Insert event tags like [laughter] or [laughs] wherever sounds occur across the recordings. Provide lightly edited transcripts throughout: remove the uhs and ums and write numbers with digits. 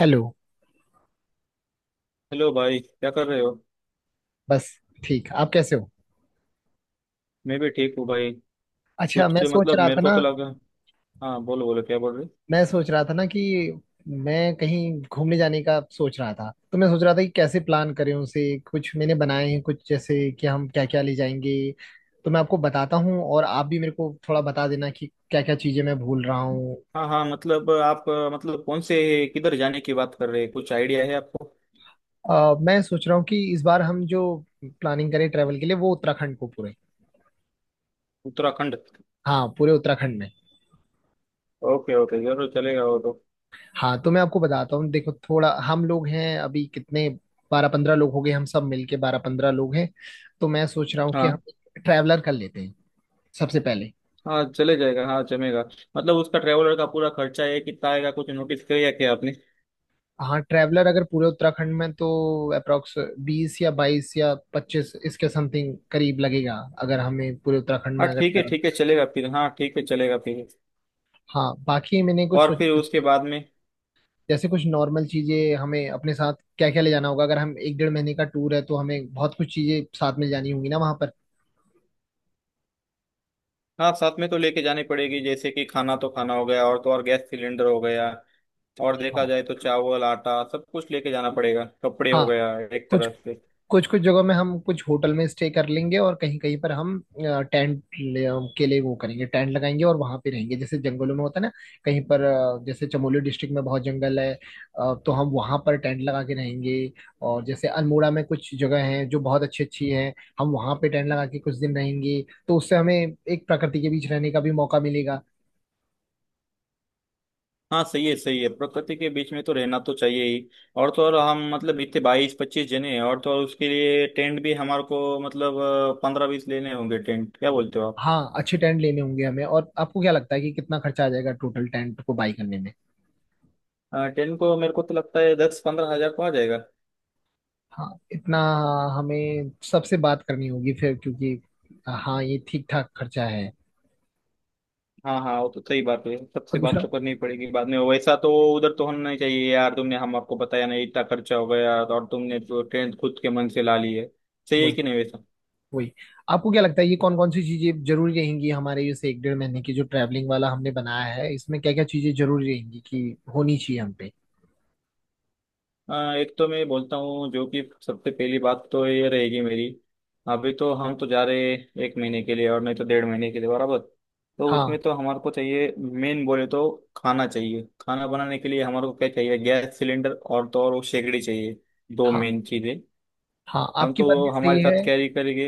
Hello. Hello भाई, क्या कर रहे हो। बस। ठीक, आप कैसे हो? मैं भी ठीक हूँ भाई। अच्छा, कुछ मतलब मेरे को तो लगा। हाँ, बोलो बोलो क्या बोल रहे। मैं सोच रहा था ना कि मैं कहीं घूमने जाने का सोच रहा था, तो मैं सोच रहा था कि कैसे प्लान करें उसे। कुछ मैंने बनाए हैं, कुछ जैसे कि हम क्या क्या ले जाएंगे। तो मैं आपको बताता हूँ, और आप भी मेरे को थोड़ा बता देना कि क्या क्या चीज़ें मैं भूल रहा हूँ। हाँ हाँ, मतलब आप मतलब कौन से, किधर जाने की बात कर रहे हैं? कुछ आइडिया है आपको? मैं सोच रहा हूँ कि इस बार हम जो प्लानिंग करें ट्रैवल के लिए, वो उत्तराखंड को पूरे। उत्तराखंड। हाँ, पूरे उत्तराखंड में। ओके ओके, जरूर चलेगा वो तो। हाँ, तो मैं आपको बताता हूँ, देखो थोड़ा हम लोग हैं अभी कितने, 12-15 लोग हो गए, हम सब मिलके 12-15 लोग हैं। तो मैं सोच रहा हूँ कि हम हाँ ट्रैवलर कर लेते हैं सबसे पहले। हाँ, चले जाएगा, हाँ जमेगा। मतलब उसका ट्रेवलर का पूरा खर्चा है कितना आएगा, कुछ नोटिस किया क्या आपने? हाँ, ट्रैवलर अगर पूरे उत्तराखंड में, तो अप्रोक्स 20 या 22 या 25 इसके समथिंग करीब लगेगा, अगर हमें पूरे उत्तराखंड हाँ में अगर ठीक है travel- चलेगा फिर, हाँ ठीक है चलेगा फिर। हाँ, बाकी मैंने कुछ और सोच, फिर उसके बाद में। जैसे कुछ नॉर्मल चीजें हमें अपने साथ क्या क्या ले जाना होगा। अगर हम 1-1.5 महीने का टूर है तो हमें बहुत कुछ चीजें साथ में ले जानी होंगी ना वहां पर। हाँ, साथ में तो लेके जानी पड़ेगी, जैसे कि खाना तो खाना हो गया, और तो और गैस सिलेंडर हो गया। और देखा हाँ। जाए तो चावल आटा सब कुछ लेके जाना पड़ेगा, कपड़े हो हाँ। गया। एक कुछ तरह से। कुछ कुछ जगहों में हम कुछ होटल में स्टे कर लेंगे, और कहीं कहीं पर हम टेंट के लिए वो करेंगे, टेंट लगाएंगे और वहां पे रहेंगे, जैसे जंगलों में होता है ना। कहीं पर जैसे चमोली डिस्ट्रिक्ट में बहुत जंगल है, तो हम वहां पर टेंट लगा के रहेंगे। और जैसे अल्मोड़ा में कुछ जगह हैं जो बहुत अच्छी अच्छी हैं, हम वहां पे टेंट लगा के कुछ दिन रहेंगे। तो उससे हमें एक प्रकृति के बीच रहने का भी मौका मिलेगा। हाँ सही है सही है, प्रकृति के बीच में तो रहना तो चाहिए ही। और तो और हम मतलब इतने 22-25 जने हैं, और तो और उसके लिए टेंट भी हमारे को मतलब 15-20 लेने होंगे टेंट, क्या बोलते हो आप? हाँ, अच्छे टेंट लेने होंगे हमें। और आपको क्या लगता है कि कितना खर्चा आ जाएगा टोटल टेंट को बाई करने में? टेंट को मेरे को तो लगता है 10-15 हजार को आ जाएगा। हाँ इतना। हमें सबसे बात करनी होगी फिर, क्योंकि हाँ ये ठीक ठाक खर्चा है। हाँ हाँ, वो तो सही बात है, सबसे और बात दूसरा। तो करनी पड़ेगी बाद में वैसा तो। उधर तो होना नहीं चाहिए यार, तुमने हमको बताया नहीं इतना खर्चा हो गया और तुमने तो टेंट खुद के मन से ला ली है। सही है वही। कि नहीं वैसा? वही। आपको क्या लगता है ये कौन कौन सी चीजें जरूरी रहेंगी हमारे इस 1-1.5 महीने की जो ट्रैवलिंग वाला हमने बनाया है, इसमें क्या क्या चीजें जरूरी रहेंगी कि होनी चाहिए हम पे। एक तो मैं बोलता हूँ जो कि सबसे पहली बात तो ये रहेगी मेरी। अभी तो हम तो जा रहे हैं एक महीने के लिए और नहीं तो 1.5 महीने के लिए बराबर। तो उसमें हाँ। तो हमारे को चाहिए मेन बोले तो खाना चाहिए, खाना बनाने के लिए हमारे को क्या चाहिए, गैस सिलेंडर और तो और वो शेगड़ी चाहिए। दो हाँ। मेन चीज़ें। हाँ, हम आपकी बात तो भी सही हमारे है। साथ कैरी करेंगे।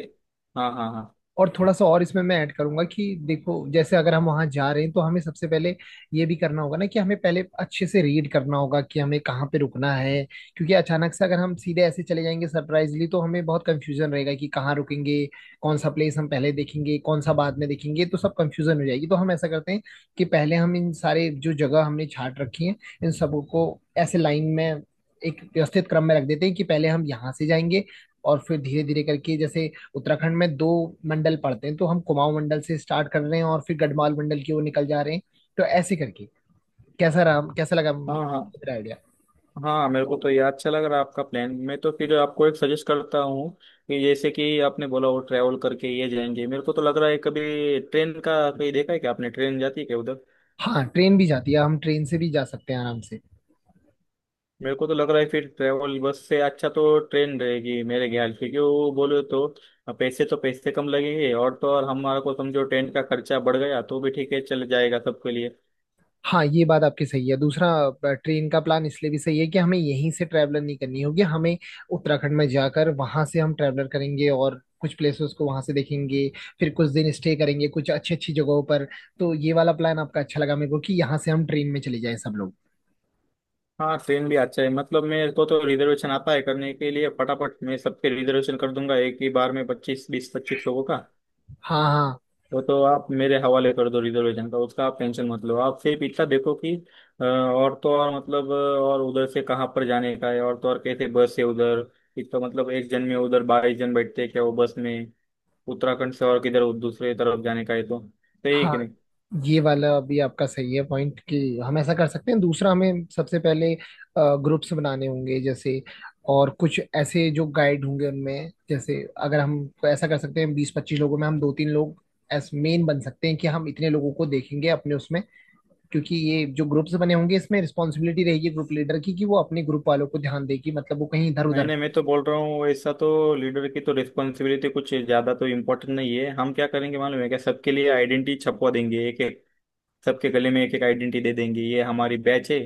हाँ हाँ हाँ और थोड़ा सा और इसमें मैं ऐड करूंगा कि देखो, जैसे अगर हम वहां जा रहे हैं तो हमें सबसे पहले ये भी करना होगा ना कि हमें पहले अच्छे से रीड करना होगा कि हमें कहाँ पे रुकना है। क्योंकि अचानक से अगर हम सीधे ऐसे चले जाएंगे सरप्राइजली, तो हमें बहुत कंफ्यूजन रहेगा कि कहाँ रुकेंगे, कौन सा प्लेस हम पहले देखेंगे, कौन सा बाद में देखेंगे, तो सब कंफ्यूजन हो जाएगी। तो हम ऐसा करते हैं कि पहले हम इन सारे जो जगह हमने छाट रखी है, इन सबको ऐसे लाइन में, एक व्यवस्थित क्रम में रख देते हैं कि पहले हम यहाँ से जाएंगे, और फिर धीरे धीरे करके, जैसे उत्तराखंड में 2 मंडल पड़ते हैं, तो हम कुमाऊं मंडल से स्टार्ट कर रहे हैं और फिर गढ़वाल मंडल की ओर निकल जा रहे हैं। तो ऐसे करके कैसा रहा, कैसा लगा हाँ। हाँ मेरा आइडिया? हाँ, मेरे को तो ये अच्छा लग रहा है आपका प्लान, मैं तो फिर आपको एक सजेस्ट करता हूँ कि जैसे कि आपने बोला वो ट्रैवल करके ये जाएंगे, मेरे को तो लग रहा है, कभी ट्रेन का कहीं देखा है क्या आपने? ट्रेन जाती है क्या उधर? हाँ, ट्रेन भी जाती है, हम ट्रेन से भी जा सकते हैं आराम से। मेरे को तो लग रहा है फिर ट्रैवल बस से अच्छा तो ट्रेन रहेगी मेरे ख्याल से, क्योंकि वो बोले तो पैसे कम लगेंगे, और तो और हमारा को समझो ट्रेन का खर्चा बढ़ गया तो भी ठीक है, चल जाएगा सबके लिए। हाँ, ये बात आपकी सही है। दूसरा ट्रेन का प्लान इसलिए भी सही है कि हमें यहीं से ट्रैवलर नहीं करनी होगी, हमें उत्तराखंड में जाकर वहां से हम ट्रैवलर करेंगे और कुछ प्लेसेस को वहां से देखेंगे, फिर कुछ दिन स्टे करेंगे कुछ अच्छी अच्छी जगहों पर। तो ये वाला प्लान आपका अच्छा लगा मेरे को कि यहाँ से हम ट्रेन में चले जाएं सब लोग। हाँ ट्रेन भी अच्छा है, मतलब मेरे को तो रिजर्वेशन आता है करने के लिए फटाफट, मैं सबके रिजर्वेशन कर दूंगा एक ही बार में 25, 20, 25 लोगों का। हाँ, हाँ, वो तो आप मेरे हवाले कर दो रिजर्वेशन का, उसका आप टेंशन मत लो, आप सिर्फ इतना देखो कि और तो और मतलब और उधर से कहाँ पर जाने का है, और तो और कैसे बस है उधर। इतना मतलब एक जन में उधर 22 जन बैठते हैं क्या वो बस में? उत्तराखंड से और किधर दूसरे तरफ जाने का है, तो सही है कि हाँ। नहीं? ये वाला अभी आपका सही है पॉइंट कि हम ऐसा कर सकते हैं। दूसरा, हमें सबसे पहले ग्रुप्स बनाने होंगे, जैसे और कुछ ऐसे जो गाइड होंगे उनमें, जैसे अगर हम ऐसा कर सकते हैं 20-25 लोगों में हम 2-3 लोग एस मेन बन सकते हैं कि हम इतने लोगों को देखेंगे अपने उसमें। क्योंकि ये जो ग्रुप्स बने होंगे, इसमें रिस्पॉन्सिबिलिटी रहेगी ग्रुप लीडर की कि वो अपने ग्रुप वालों को ध्यान देगी, मतलब वो कहीं इधर नहीं उधर। नहीं, मैं तो बोल रहा हूँ ऐसा तो लीडर की तो रिस्पॉन्सिबिलिटी कुछ ज्यादा तो इम्पोर्टेंट नहीं है, हम क्या करेंगे मालूम है क्या, सबके लिए आइडेंटिटी छपवा देंगे एक एक, सबके गले में एक एक आइडेंटिटी दे देंगे, ये हमारी बैच है।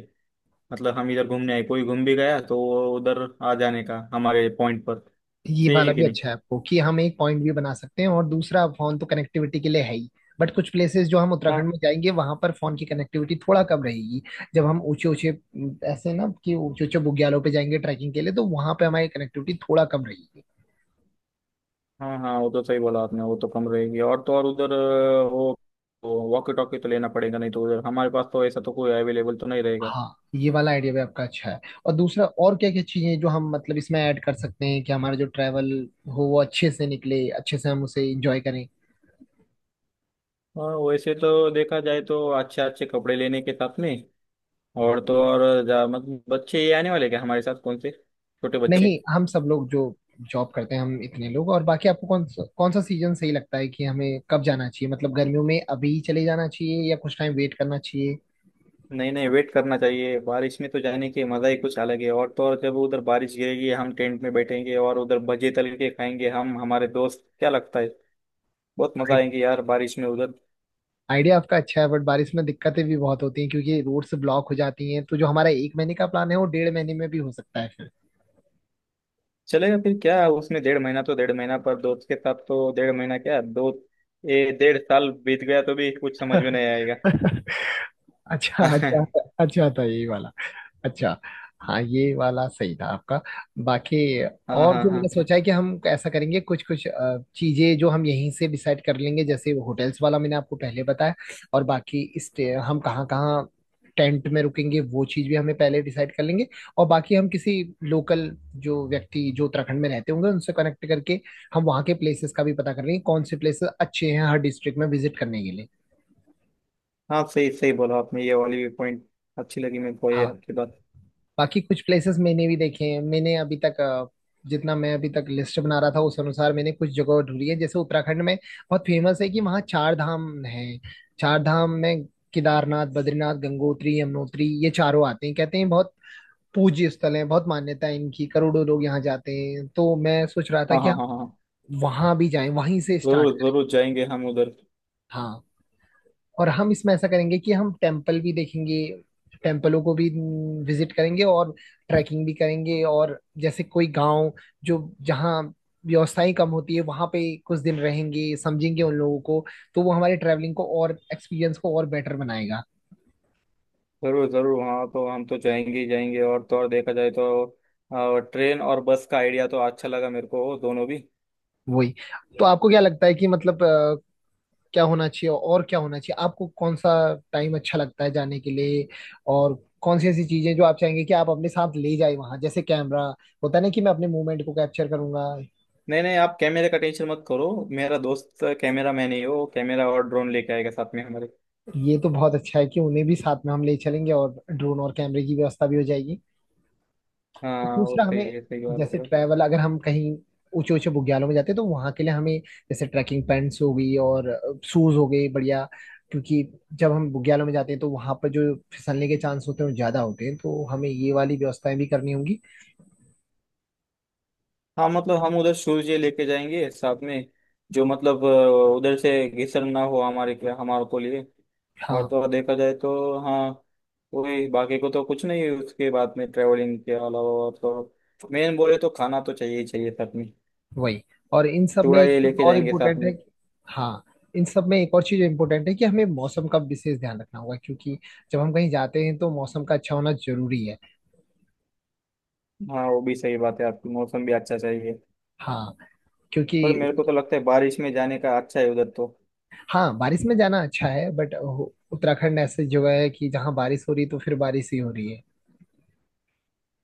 मतलब हम इधर घूमने आए, कोई घूम भी गया तो वो उधर आ जाने का हमारे पॉइंट पर। ये सही है वाला कि भी नहीं? अच्छा है आपको, कि हम एक पॉइंट भी बना सकते हैं। और दूसरा, फोन तो कनेक्टिविटी के लिए है ही, बट कुछ प्लेसेस जो हम उत्तराखंड हाँ में जाएंगे, वहां पर फोन की कनेक्टिविटी थोड़ा कम रहेगी। जब हम ऊंचे ऊंचे ऐसे ना कि ऊंचे ऊंचे बुग्यालों पे जाएंगे ट्रैकिंग के लिए, तो वहां पे हमारी कनेक्टिविटी थोड़ा कम रहेगी। हाँ। हाँ, वो तो सही बोला आपने, वो तो कम रहेगी, और तो और उधर वो वॉकी टॉकी तो लेना पड़ेगा, नहीं तो उधर हमारे पास तो ऐसा तो कोई अवेलेबल तो नहीं रहेगा। हाँ, ये वाला आइडिया भी आपका अच्छा है। और दूसरा, और क्या क्या चीजें जो हम मतलब इसमें ऐड कर सकते हैं कि हमारा जो ट्रैवल हो वो अच्छे से निकले, अच्छे से हम उसे एंजॉय करें। हाँ, वैसे तो देखा जाए तो अच्छे अच्छे कपड़े लेने के साथ में, और तो और जा, मत, बच्चे ये आने वाले क्या हमारे साथ? कौन से छोटे बच्चे? नहीं, हम सब लोग जो जॉब करते हैं हम इतने लोग। और बाकी आपको कौन सा सीजन सही लगता है कि हमें कब जाना चाहिए? मतलब गर्मियों में अभी चले जाना चाहिए, या कुछ टाइम वेट करना चाहिए? नहीं नहीं, वेट करना चाहिए, बारिश में तो जाने के मजा ही कुछ अलग है, और तो और जब उधर बारिश गिरेगी हम टेंट में बैठेंगे और उधर भजे तल के खाएंगे हम, हमारे दोस्त क्या लगता है? बहुत मजा आएंगे यार बारिश में उधर। आइडिया आपका अच्छा है, बट बारिश में दिक्कतें भी बहुत होती हैं क्योंकि रोड्स ब्लॉक हो जाती हैं, तो जो हमारा 1 महीने का प्लान है वो 1.5 महीने में भी हो सकता है फिर। चलेगा फिर क्या उसमें, 1.5 महीना तो 1.5 महीना, पर दोस्त के साथ तो 1.5 महीना क्या, दो ए 1.5 साल बीत गया तो भी कुछ समझ में [laughs] नहीं आएगा। अच्छा, [laughs] अच्छा, हाँ। अच्छा था यही वाला। अच्छा। हाँ, ये वाला सही था आपका। बाकी हाँ और जो मैंने हाँ सोचा है कि हम ऐसा करेंगे, कुछ कुछ चीजें जो हम यहीं से डिसाइड कर लेंगे, जैसे वो होटल्स वाला मैंने आपको पहले बताया। और बाकी स्टे हम कहाँ कहाँ टेंट में रुकेंगे वो चीज भी हमें पहले डिसाइड कर लेंगे। और बाकी हम किसी लोकल जो व्यक्ति जो उत्तराखंड में रहते होंगे उनसे कनेक्ट करके हम वहाँ के प्लेसेस का भी पता कर लेंगे, कौन से प्लेसेस अच्छे हैं हर डिस्ट्रिक्ट में विजिट करने के लिए। हाँ। सही सही बोला आपने, ये वाली पॉइंट अच्छी लगी मेरे को ये हाँ। आपकी बात। बाकी कुछ प्लेसेस मैंने भी देखे हैं, मैंने अभी तक जितना मैं अभी तक लिस्ट बना रहा था उस अनुसार मैंने कुछ जगह ढूंढी है। जैसे उत्तराखंड में बहुत फेमस है कि वहाँ चार धाम है। चार धाम में केदारनाथ, बद्रीनाथ, गंगोत्री, यमुनोत्री, ये चारों आते हैं। कहते हैं बहुत पूज्य स्थल है, बहुत मान्यता है इनकी, करोड़ों लोग यहाँ जाते हैं, तो मैं सोच रहा था हाँ कि हाँ हम हाँ हाँ हाँ। वहां भी जाएं, वहीं से जरूर स्टार्ट करें। जरूर जाएंगे हम उधर। हाँ। और हम इसमें ऐसा करेंगे कि हम टेम्पल भी देखेंगे, टेम्पलों को भी विजिट करेंगे, और ट्रैकिंग भी करेंगे। और जैसे कोई गांव जो जहाँ व्यवस्थाएं कम होती है वहां पे कुछ दिन रहेंगे, समझेंगे उन लोगों को। तो वो हमारे ट्रैवलिंग को और एक्सपीरियंस को और बेटर बनाएगा। जरूर जरूर, हाँ तो हम तो जाएंगे ही जाएंगे, और तो और देखा जाए तो ट्रेन और बस का आइडिया तो अच्छा लगा मेरे को दोनों भी। वही। तो आपको क्या लगता है कि मतलब क्या होना चाहिए और क्या होना चाहिए? आपको कौन सा टाइम अच्छा लगता है जाने के लिए? और कौन सी ऐसी चीजें जो आप चाहेंगे कि आप अपने साथ ले जाए वहां, जैसे कैमरा होता है ना कि मैं अपने मूवमेंट को कैप्चर करूंगा। नहीं नहीं, आप कैमरे का टेंशन मत करो। मेरा दोस्त कैमरा मैन ही हो, कैमरा और ड्रोन लेके आएगा साथ में हमारे। ये तो बहुत अच्छा है कि उन्हें भी साथ में हम ले चलेंगे, और ड्रोन और कैमरे की व्यवस्था भी हो जाएगी। तो हाँ वो दूसरा सही हमें, है, सही बात जैसे है। ट्रैवल अगर हम कहीं ऊंचे ऊंचे बुग्यालों में जाते हैं तो वहां के लिए हमें, जैसे ट्रैकिंग पैंट्स हो गई और शूज हो गए बढ़िया, क्योंकि जब हम बुग्यालों में जाते हैं तो वहां पर जो फिसलने के चांस होते हैं वो ज्यादा होते हैं, तो हमें ये वाली व्यवस्थाएं भी करनी होंगी। हाँ मतलब हम उधर शूज़ लेके जाएंगे साथ में, जो मतलब उधर से घिसन ना हो हमारे के हमारे को लिए। और हाँ। तो और देखा जाए तो हाँ, वही बाकी को तो कुछ नहीं है उसके बाद में ट्रेवलिंग के अलावा, और तो मेन बोले तो खाना तो चाहिए ही चाहिए साथ में। वही। और इन सब में चूड़ा एक ये चीज लेके और जाएंगे साथ इम्पोर्टेंट है में। कि। हाँ। इन सब में एक और चीज इम्पोर्टेंट है कि हमें मौसम का विशेष ध्यान रखना होगा, क्योंकि जब हम कहीं जाते हैं तो मौसम का अच्छा होना जरूरी है। हाँ वो भी सही बात है आपकी, मौसम भी अच्छा चाहिए। हाँ। क्योंकि। पर मेरे को तो लगता है बारिश में जाने का अच्छा है उधर तो। हाँ, बारिश में जाना अच्छा है, बट उत्तराखंड ऐसी जगह है कि जहाँ बारिश हो रही तो फिर बारिश ही हो रही है।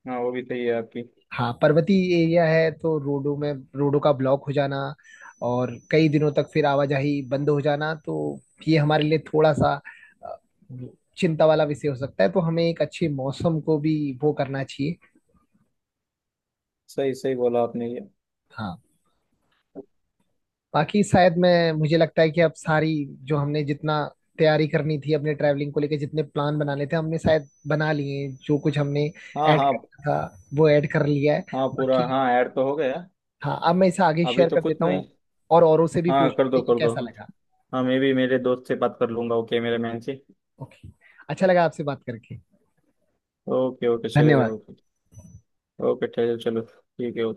हाँ वो भी सही है आपकी। हाँ, पर्वतीय एरिया है तो रोडों का ब्लॉक हो जाना, और कई दिनों तक फिर आवाजाही बंद हो जाना, तो ये हमारे लिए थोड़ा सा अ, चिंता वाला विषय हो सकता है, तो हमें एक अच्छे मौसम को भी वो करना चाहिए। सही सही बोला आपने ये। हाँ। बाकी शायद मैं, मुझे लगता है कि अब सारी जो हमने जितना तैयारी करनी थी अपने ट्रैवलिंग को लेकर जितने प्लान बनाने थे हमने शायद बना लिए हैं। जो कुछ हमने हाँ ऐड हाँ। करना था वो ऐड कर लिया है। हाँ, पूरा बाकी हाँ, ऐड तो हो गया। हाँ, अब मैं इसे आगे अभी शेयर तो कर कुछ देता नहीं। हूँ और औरों से भी हाँ कर पूछते दो हैं कि कर दो। कैसा लगा। हाँ मैं भी मेरे दोस्त से बात कर लूंगा, ओके मेरे मैन से। ओके। अच्छा लगा आपसे बात करके। ओके ओके चलेगा धन्यवाद। ओके। ओके, चलो चलो ठीक है।